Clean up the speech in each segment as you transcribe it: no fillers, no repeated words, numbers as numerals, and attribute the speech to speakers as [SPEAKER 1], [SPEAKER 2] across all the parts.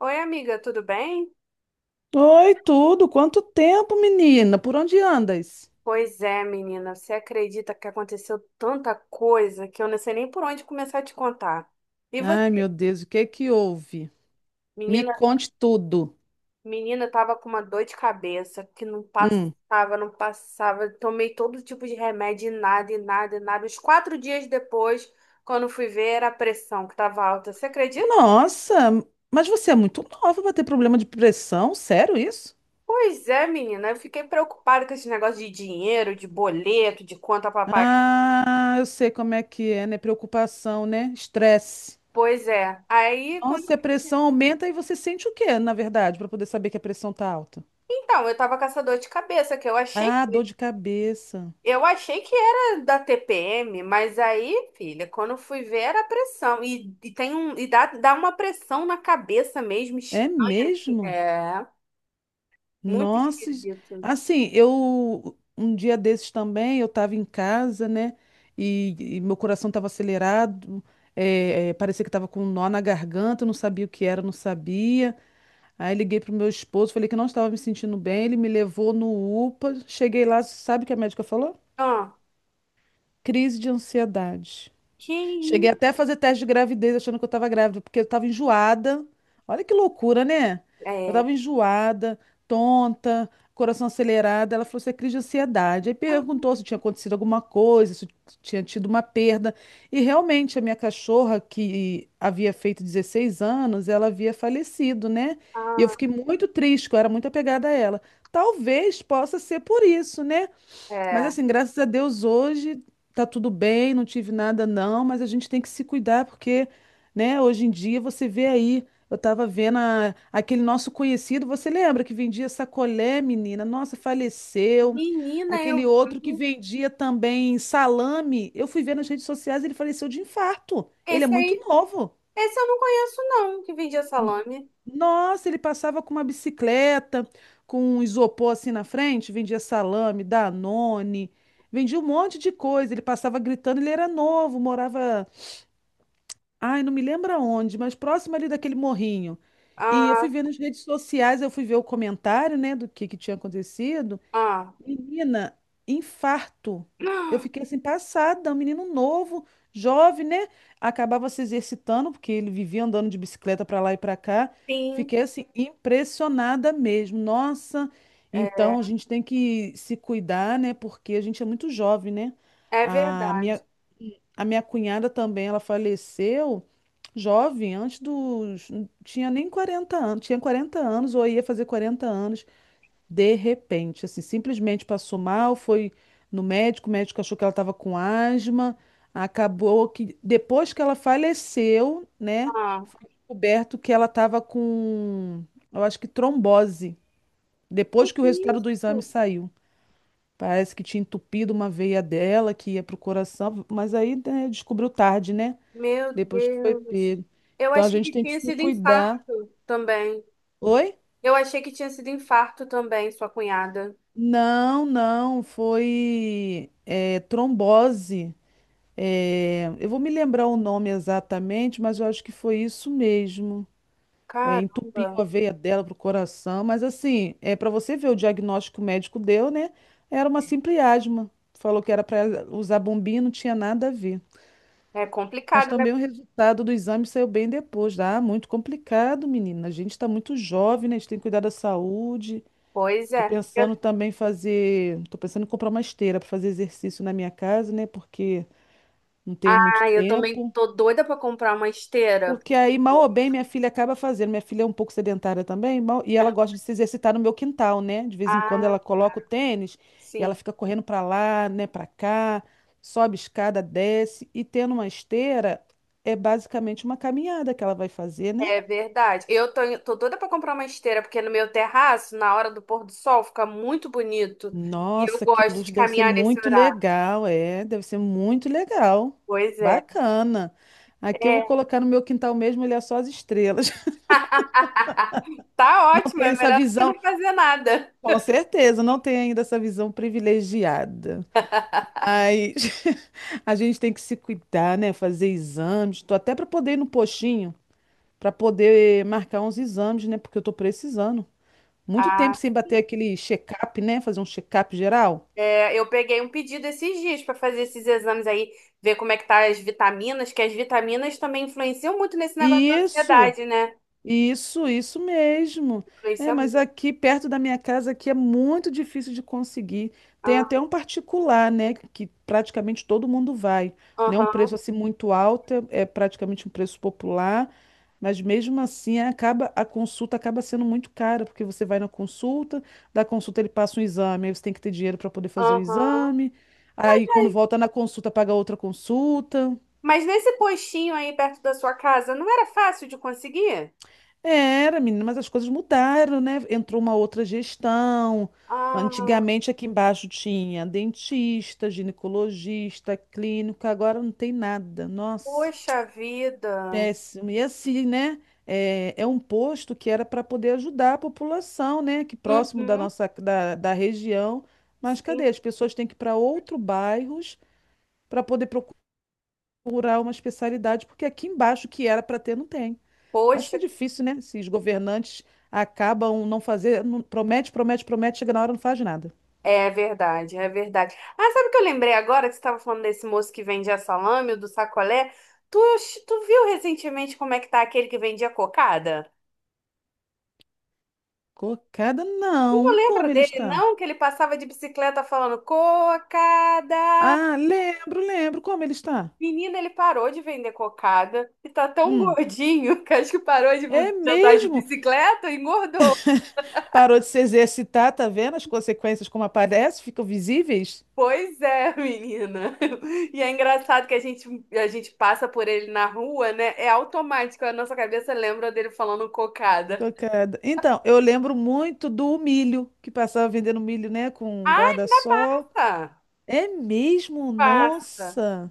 [SPEAKER 1] Oi, amiga, tudo bem?
[SPEAKER 2] Oi, tudo? Quanto tempo, menina? Por onde andas?
[SPEAKER 1] Pois é, menina, você acredita que aconteceu tanta coisa que eu não sei nem por onde começar a te contar. E
[SPEAKER 2] Ai,
[SPEAKER 1] você,
[SPEAKER 2] meu Deus, o que é que houve? Me
[SPEAKER 1] menina,
[SPEAKER 2] conte tudo.
[SPEAKER 1] menina tava com uma dor de cabeça que não
[SPEAKER 2] Hum.
[SPEAKER 1] passava, não passava. Tomei todo tipo de remédio e nada, e nada, e nada. Os quatro dias depois, quando fui ver, era a pressão que tava alta. Você acredita?
[SPEAKER 2] Nossa, mas você é muito nova para ter problema de pressão? Sério isso?
[SPEAKER 1] Pois é, menina, eu fiquei preocupada com esse negócio de dinheiro, de boleto, de conta pra pagar.
[SPEAKER 2] Ah, eu sei como é que é, né? Preocupação, né? Estresse.
[SPEAKER 1] Pois é. Aí, quando
[SPEAKER 2] Nossa, e a pressão aumenta e você sente o quê, na verdade, para poder saber que a pressão tá alta?
[SPEAKER 1] Então, eu tava caçador de cabeça, que
[SPEAKER 2] Ah, dor de cabeça.
[SPEAKER 1] eu achei que era da TPM, mas aí, filha, quando eu fui ver era pressão. E tem um, e dá, dá uma pressão na cabeça mesmo,
[SPEAKER 2] É
[SPEAKER 1] estranha, assim.
[SPEAKER 2] mesmo?
[SPEAKER 1] É, muito
[SPEAKER 2] Nossa,
[SPEAKER 1] esquisito.
[SPEAKER 2] assim, eu um dia desses também, eu estava em casa, né? E meu coração estava acelerado, parecia que estava com um nó na garganta, eu não sabia o que era, eu não sabia. Aí liguei pro meu esposo, falei que não estava me sentindo bem, ele me levou no UPA, cheguei lá, sabe o que a médica falou?
[SPEAKER 1] Ah,
[SPEAKER 2] Crise de ansiedade.
[SPEAKER 1] que
[SPEAKER 2] Cheguei
[SPEAKER 1] isso?
[SPEAKER 2] até a fazer teste de gravidez achando que eu estava grávida, porque eu estava enjoada. Olha que loucura, né? Eu
[SPEAKER 1] É,
[SPEAKER 2] estava enjoada, tonta, coração acelerado. Ela falou: Você é crise de ansiedade. Aí perguntou se tinha acontecido alguma coisa, se tinha tido uma perda. E realmente, a minha cachorra, que havia feito 16 anos, ela havia falecido, né? E eu
[SPEAKER 1] ah,
[SPEAKER 2] fiquei muito triste, que eu era muito apegada a ela. Talvez possa ser por isso, né? Mas
[SPEAKER 1] é.
[SPEAKER 2] assim, graças a Deus hoje tá tudo bem, não tive nada não, mas a gente tem que se cuidar porque, né, hoje em dia você vê aí, eu tava vendo aquele nosso conhecido, você lembra que vendia sacolé, menina? Nossa, faleceu.
[SPEAKER 1] Menina,
[SPEAKER 2] Aquele
[SPEAKER 1] eu
[SPEAKER 2] outro que
[SPEAKER 1] vi.
[SPEAKER 2] vendia também salame, eu fui ver nas redes sociais, ele faleceu de infarto. Ele é
[SPEAKER 1] Esse
[SPEAKER 2] muito
[SPEAKER 1] aí,
[SPEAKER 2] novo.
[SPEAKER 1] esse eu não conheço, não, que vendia salame.
[SPEAKER 2] Nossa, ele passava com uma bicicleta, com um isopor assim na frente, vendia salame, Danone, vendia um monte de coisa. Ele passava gritando, ele era novo, morava, ai, não me lembro aonde, mas próximo ali daquele morrinho. E eu fui
[SPEAKER 1] Ah,
[SPEAKER 2] ver nas redes sociais, eu fui ver o comentário, né, do que tinha acontecido.
[SPEAKER 1] ah.
[SPEAKER 2] Menina, infarto. Eu fiquei assim passada, um menino novo, jovem, né? Acabava se exercitando, porque ele vivia andando de bicicleta para lá e para cá.
[SPEAKER 1] Sim,
[SPEAKER 2] Fiquei assim impressionada mesmo. Nossa,
[SPEAKER 1] é
[SPEAKER 2] então a gente tem que se cuidar, né? Porque a gente é muito jovem, né?
[SPEAKER 1] é
[SPEAKER 2] A minha,
[SPEAKER 1] verdade.
[SPEAKER 2] a minha cunhada também, ela faleceu jovem, antes dos. Tinha nem 40 anos, tinha 40 anos ou ia fazer 40 anos. De repente, assim, simplesmente passou mal, foi no médico, o médico achou que ela estava com asma, acabou que depois que ela faleceu, né,
[SPEAKER 1] Ah,
[SPEAKER 2] foi descoberto que ela estava com, eu acho que trombose,
[SPEAKER 1] que
[SPEAKER 2] depois que o resultado
[SPEAKER 1] isso?
[SPEAKER 2] do exame saiu. Parece que tinha entupido uma veia dela que ia pro coração, mas aí, né, descobriu tarde, né?
[SPEAKER 1] Meu
[SPEAKER 2] Depois que foi
[SPEAKER 1] Deus.
[SPEAKER 2] pego.
[SPEAKER 1] Eu
[SPEAKER 2] Então a
[SPEAKER 1] achei
[SPEAKER 2] gente
[SPEAKER 1] que
[SPEAKER 2] tem que
[SPEAKER 1] tinha
[SPEAKER 2] se
[SPEAKER 1] sido
[SPEAKER 2] cuidar.
[SPEAKER 1] infarto também.
[SPEAKER 2] Oi?
[SPEAKER 1] Eu achei que tinha sido infarto também, sua cunhada.
[SPEAKER 2] Não, não, foi é, trombose. É, eu vou me lembrar o nome exatamente, mas eu acho que foi isso mesmo. É,
[SPEAKER 1] Caramba.
[SPEAKER 2] entupiu a veia dela pro coração, mas assim, é para você ver o diagnóstico que o médico deu, né? Era uma simples asma. Falou que era para usar bombinha, não tinha nada a ver.
[SPEAKER 1] É
[SPEAKER 2] Mas
[SPEAKER 1] complicado, né?
[SPEAKER 2] também o resultado do exame saiu bem depois. Ah, muito complicado, menina. A gente está muito jovem, né? A gente tem que cuidar da saúde.
[SPEAKER 1] Pois
[SPEAKER 2] Tô
[SPEAKER 1] é. Eu,
[SPEAKER 2] pensando também em fazer, tô pensando em comprar uma esteira para fazer exercício na minha casa, né? Porque não tenho muito
[SPEAKER 1] ah, eu também
[SPEAKER 2] tempo.
[SPEAKER 1] tô doida pra comprar uma esteira.
[SPEAKER 2] Porque aí, mal ou bem, minha filha acaba fazendo. Minha filha é um pouco sedentária também, e ela gosta de se exercitar no meu quintal, né? De vez em quando ela
[SPEAKER 1] Ah,
[SPEAKER 2] coloca o
[SPEAKER 1] tá,
[SPEAKER 2] tênis e ela
[SPEAKER 1] sim.
[SPEAKER 2] fica correndo pra lá, né, Pra cá, sobe escada, desce e tendo uma esteira é basicamente uma caminhada que ela vai fazer, né?
[SPEAKER 1] É verdade. Eu tô doida pra comprar uma esteira, porque no meu terraço, na hora do pôr do sol, fica muito bonito. E eu
[SPEAKER 2] Nossa, que
[SPEAKER 1] gosto
[SPEAKER 2] luxo,
[SPEAKER 1] de
[SPEAKER 2] deve ser
[SPEAKER 1] caminhar nesse
[SPEAKER 2] muito
[SPEAKER 1] horário.
[SPEAKER 2] legal, é, deve ser muito legal.
[SPEAKER 1] Pois é.
[SPEAKER 2] Bacana. Aqui eu vou
[SPEAKER 1] É.
[SPEAKER 2] colocar no meu quintal mesmo, ele é só as estrelas.
[SPEAKER 1] Tá
[SPEAKER 2] Não
[SPEAKER 1] ótimo,
[SPEAKER 2] tem
[SPEAKER 1] é
[SPEAKER 2] essa
[SPEAKER 1] melhor do que
[SPEAKER 2] visão.
[SPEAKER 1] não fazer nada.
[SPEAKER 2] Com certeza, não tem ainda essa visão privilegiada. Mas a gente tem que se cuidar, né? Fazer exames. Tô até para poder ir no postinho, para poder marcar uns exames, né? Porque eu tô precisando. Muito tempo
[SPEAKER 1] Ah.
[SPEAKER 2] sem bater aquele check-up, né? Fazer um check-up geral.
[SPEAKER 1] É, eu peguei um pedido esses dias para fazer esses exames aí, ver como é que tá as vitaminas, que as vitaminas também influenciam muito nesse negócio
[SPEAKER 2] E
[SPEAKER 1] da
[SPEAKER 2] Isso.
[SPEAKER 1] ansiedade, né?
[SPEAKER 2] Isso mesmo. É,
[SPEAKER 1] Influencia
[SPEAKER 2] mas
[SPEAKER 1] muito.
[SPEAKER 2] aqui perto da minha casa aqui é muito difícil de conseguir. Tem
[SPEAKER 1] Ah,
[SPEAKER 2] até um particular, né, que praticamente todo mundo vai, né? Um
[SPEAKER 1] aham,
[SPEAKER 2] preço assim muito alto, é praticamente um preço popular, mas mesmo assim acaba a consulta acaba sendo muito cara, porque você vai na consulta, da consulta ele passa um exame, aí você tem que ter dinheiro para poder fazer o
[SPEAKER 1] aham.
[SPEAKER 2] exame. Aí
[SPEAKER 1] Ai,
[SPEAKER 2] quando volta na consulta paga outra consulta.
[SPEAKER 1] mas nesse postinho aí perto da sua casa, não era fácil de conseguir?
[SPEAKER 2] Era, menina, mas as coisas mudaram, né? Entrou uma outra gestão.
[SPEAKER 1] Ah,
[SPEAKER 2] Antigamente aqui embaixo tinha dentista, ginecologista, clínica, agora não tem nada. Nossa,
[SPEAKER 1] poxa vida.
[SPEAKER 2] péssimo. E assim, né? É, é um posto que era para poder ajudar a população, né? Que próximo da
[SPEAKER 1] Uhum,
[SPEAKER 2] nossa da região. Mas
[SPEAKER 1] sim.
[SPEAKER 2] cadê? As pessoas têm que ir para outros bairros para poder procurar uma especialidade, porque aqui embaixo que era para ter, não tem. Mas
[SPEAKER 1] Poxa.
[SPEAKER 2] fica difícil, né? Se os governantes acabam não fazer, promete, promete, promete, chega na hora e não faz nada.
[SPEAKER 1] É verdade, é verdade. Ah, sabe o que eu lembrei agora que você estava falando desse moço que vendia salame, o do sacolé? Tu, tu viu recentemente como é que tá aquele que vendia cocada?
[SPEAKER 2] Cocada,
[SPEAKER 1] Tu não
[SPEAKER 2] não.
[SPEAKER 1] lembra
[SPEAKER 2] Como ele
[SPEAKER 1] dele,
[SPEAKER 2] está?
[SPEAKER 1] não? Que ele passava de bicicleta falando cocada.
[SPEAKER 2] Ah, lembro, lembro. Como ele está?
[SPEAKER 1] Menina, ele parou de vender cocada e tá tão
[SPEAKER 2] Hum.
[SPEAKER 1] gordinho que acho que parou de
[SPEAKER 2] É
[SPEAKER 1] de andar de
[SPEAKER 2] mesmo?
[SPEAKER 1] bicicleta e engordou.
[SPEAKER 2] Parou de se exercitar, tá vendo as consequências como aparecem, ficam visíveis?
[SPEAKER 1] Pois é, menina. E é engraçado que a gente passa por ele na rua, né? É automático, a nossa cabeça lembra dele falando cocada.
[SPEAKER 2] Cocada. Então, eu lembro muito do milho, que passava vendendo milho, né, com guarda-sol.
[SPEAKER 1] Passa,
[SPEAKER 2] É mesmo?
[SPEAKER 1] passa.
[SPEAKER 2] Nossa!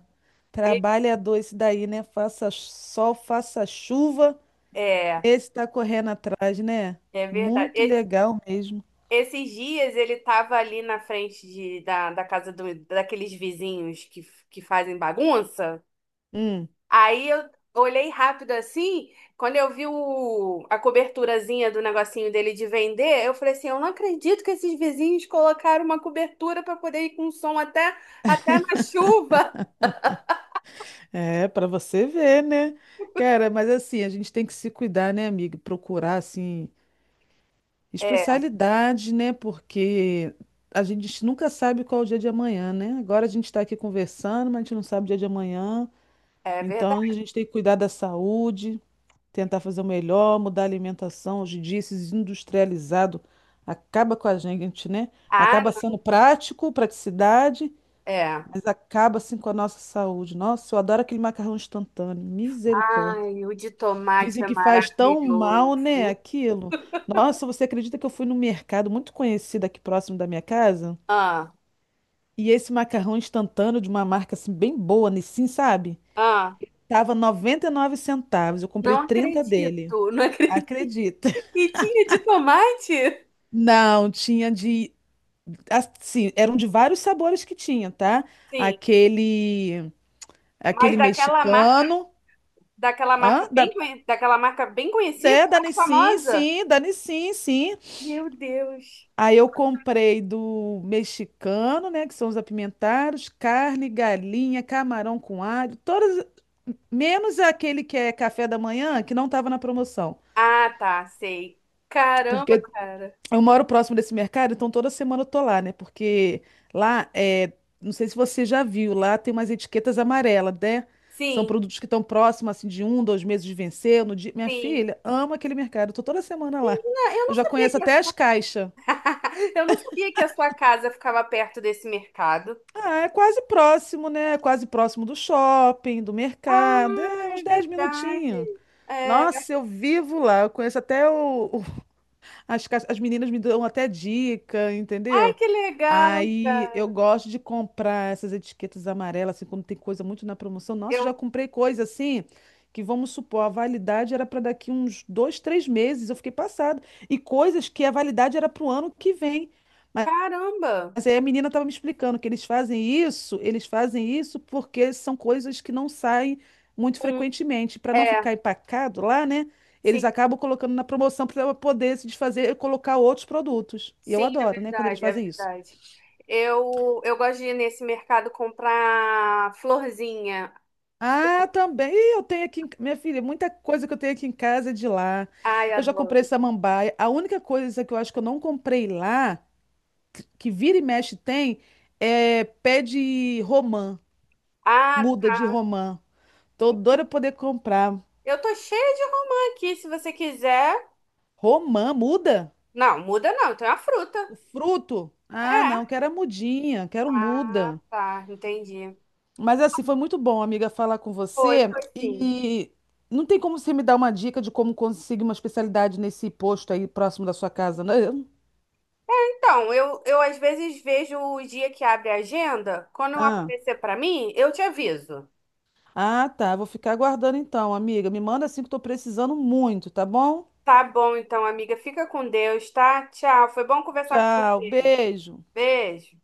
[SPEAKER 1] E-
[SPEAKER 2] Trabalhador esse daí, né? Faça sol, faça chuva.
[SPEAKER 1] é,
[SPEAKER 2] Esse tá correndo atrás, né?
[SPEAKER 1] é verdade.
[SPEAKER 2] Muito
[SPEAKER 1] Es-
[SPEAKER 2] legal mesmo.
[SPEAKER 1] esses dias ele tava ali na frente da casa do, daqueles vizinhos que fazem bagunça.
[SPEAKER 2] Hum,
[SPEAKER 1] Aí eu olhei rápido assim, quando eu vi o, a coberturazinha do negocinho dele de vender, eu falei assim, eu não acredito que esses vizinhos colocaram uma cobertura para poder ir com som até, até na chuva.
[SPEAKER 2] é, para você ver, né? Cara, mas assim, a gente tem que se cuidar, né, amiga? Procurar, assim,
[SPEAKER 1] É,
[SPEAKER 2] especialidade, né? Porque a gente nunca sabe qual é o dia de amanhã, né? Agora a gente está aqui conversando, mas a gente não sabe o dia de amanhã.
[SPEAKER 1] é
[SPEAKER 2] Então a
[SPEAKER 1] verdade.
[SPEAKER 2] gente tem que cuidar da saúde, tentar fazer o melhor, mudar a alimentação. Hoje em dia, esses industrializados acaba com a gente, né?
[SPEAKER 1] Ah,
[SPEAKER 2] Acaba sendo prático, praticidade.
[SPEAKER 1] é.
[SPEAKER 2] Mas acaba assim com a nossa saúde. Nossa, eu adoro aquele macarrão instantâneo. Misericórdia.
[SPEAKER 1] Ai, o de tomate
[SPEAKER 2] Dizem
[SPEAKER 1] é
[SPEAKER 2] que faz tão mal, né,
[SPEAKER 1] maravilhoso.
[SPEAKER 2] aquilo. Nossa, você acredita que eu fui no mercado muito conhecido aqui próximo da minha casa?
[SPEAKER 1] Ah,
[SPEAKER 2] E esse macarrão instantâneo de uma marca assim bem boa, Nissin, sabe?
[SPEAKER 1] ah,
[SPEAKER 2] Tava 99 centavos. Eu comprei
[SPEAKER 1] não
[SPEAKER 2] 30 dele.
[SPEAKER 1] acredito, não acredito.
[SPEAKER 2] Acredita?
[SPEAKER 1] E tinha de tomate?
[SPEAKER 2] Não, tinha de assim, eram de vários sabores que tinha, tá?
[SPEAKER 1] Sim,
[SPEAKER 2] Aquele
[SPEAKER 1] mas
[SPEAKER 2] aquele mexicano,
[SPEAKER 1] daquela marca
[SPEAKER 2] hã?
[SPEAKER 1] bem, conhe- daquela marca bem conhecida,
[SPEAKER 2] É, Dani
[SPEAKER 1] mais
[SPEAKER 2] Sim,
[SPEAKER 1] famosa.
[SPEAKER 2] sim, Dani Sim, sim.
[SPEAKER 1] Meu Deus.
[SPEAKER 2] Aí eu comprei do mexicano, né, que são os apimentados, carne, galinha, camarão com alho, todas, menos aquele que é café da manhã, que não estava na promoção.
[SPEAKER 1] Ah, tá, sei. Caramba,
[SPEAKER 2] Porque
[SPEAKER 1] cara.
[SPEAKER 2] eu moro próximo desse mercado, então toda semana eu tô lá, né? Porque lá é, não sei se você já viu, lá tem umas etiquetas amarelas, né? São
[SPEAKER 1] Sim,
[SPEAKER 2] produtos que estão próximos, assim, de um, dois meses de vencer. No dia... Minha
[SPEAKER 1] sim.
[SPEAKER 2] filha ama aquele mercado, eu tô toda semana lá.
[SPEAKER 1] Menina, eu
[SPEAKER 2] Eu
[SPEAKER 1] não
[SPEAKER 2] já
[SPEAKER 1] sabia
[SPEAKER 2] conheço
[SPEAKER 1] que a
[SPEAKER 2] até as
[SPEAKER 1] sua...
[SPEAKER 2] caixas.
[SPEAKER 1] eu não sabia que a sua casa ficava perto desse mercado.
[SPEAKER 2] Ah, é quase próximo, né? É Quase próximo do shopping, do mercado.
[SPEAKER 1] Ah,
[SPEAKER 2] É uns
[SPEAKER 1] é
[SPEAKER 2] 10
[SPEAKER 1] verdade.
[SPEAKER 2] minutinhos.
[SPEAKER 1] É...
[SPEAKER 2] Nossa, eu vivo lá. Eu conheço até as meninas me dão até dica,
[SPEAKER 1] Ai,
[SPEAKER 2] entendeu?
[SPEAKER 1] que legal,
[SPEAKER 2] Aí eu
[SPEAKER 1] cara.
[SPEAKER 2] gosto de comprar essas etiquetas amarelas, assim, quando tem coisa muito na promoção. Nossa, eu já
[SPEAKER 1] Eu,
[SPEAKER 2] comprei coisa assim, que vamos supor, a validade era para daqui uns dois, três meses. Eu fiquei passada. E coisas que a validade era para o ano que vem.
[SPEAKER 1] caramba.
[SPEAKER 2] Mas aí a menina estava me explicando que eles fazem isso porque são coisas que não saem muito
[SPEAKER 1] Um...
[SPEAKER 2] frequentemente. Para não
[SPEAKER 1] É,
[SPEAKER 2] ficar empacado lá, né? Eles
[SPEAKER 1] sim,
[SPEAKER 2] acabam colocando na promoção para poder se desfazer e colocar outros produtos. E eu
[SPEAKER 1] sim, é
[SPEAKER 2] adoro, né? Quando eles
[SPEAKER 1] verdade, é
[SPEAKER 2] fazem isso.
[SPEAKER 1] verdade. Eu gosto de ir nesse mercado comprar florzinha.
[SPEAKER 2] Ah, também. Ih, eu tenho aqui, minha filha, muita coisa que eu tenho aqui em casa é de lá.
[SPEAKER 1] Ai,
[SPEAKER 2] Eu já
[SPEAKER 1] adoro.
[SPEAKER 2] comprei samambaia. A única coisa que eu acho que eu não comprei lá, que vira e mexe tem, é pé de romã,
[SPEAKER 1] Ah,
[SPEAKER 2] muda de romã. Tô doida pra poder comprar.
[SPEAKER 1] eu tô cheia de romã aqui, se você quiser.
[SPEAKER 2] Romã, muda?
[SPEAKER 1] Não, muda não, tem uma fruta.
[SPEAKER 2] O fruto? Ah, não,
[SPEAKER 1] É.
[SPEAKER 2] quero a mudinha, quero
[SPEAKER 1] Ah,
[SPEAKER 2] muda.
[SPEAKER 1] tá, entendi.
[SPEAKER 2] Mas assim, foi muito bom, amiga, falar com
[SPEAKER 1] Foi,
[SPEAKER 2] você.
[SPEAKER 1] foi sim.
[SPEAKER 2] E não tem como você me dar uma dica de como conseguir uma especialidade nesse posto aí próximo da sua casa, não?
[SPEAKER 1] Então, eu às vezes vejo o dia que abre a agenda. Quando
[SPEAKER 2] Ah,
[SPEAKER 1] aparecer pra mim, eu te aviso.
[SPEAKER 2] ah, tá. Vou ficar aguardando então, amiga. Me manda assim que eu tô precisando muito, tá bom?
[SPEAKER 1] Tá bom, então, amiga. Fica com Deus, tá? Tchau. Foi bom conversar com
[SPEAKER 2] Tchau,
[SPEAKER 1] você.
[SPEAKER 2] beijo.
[SPEAKER 1] Beijo.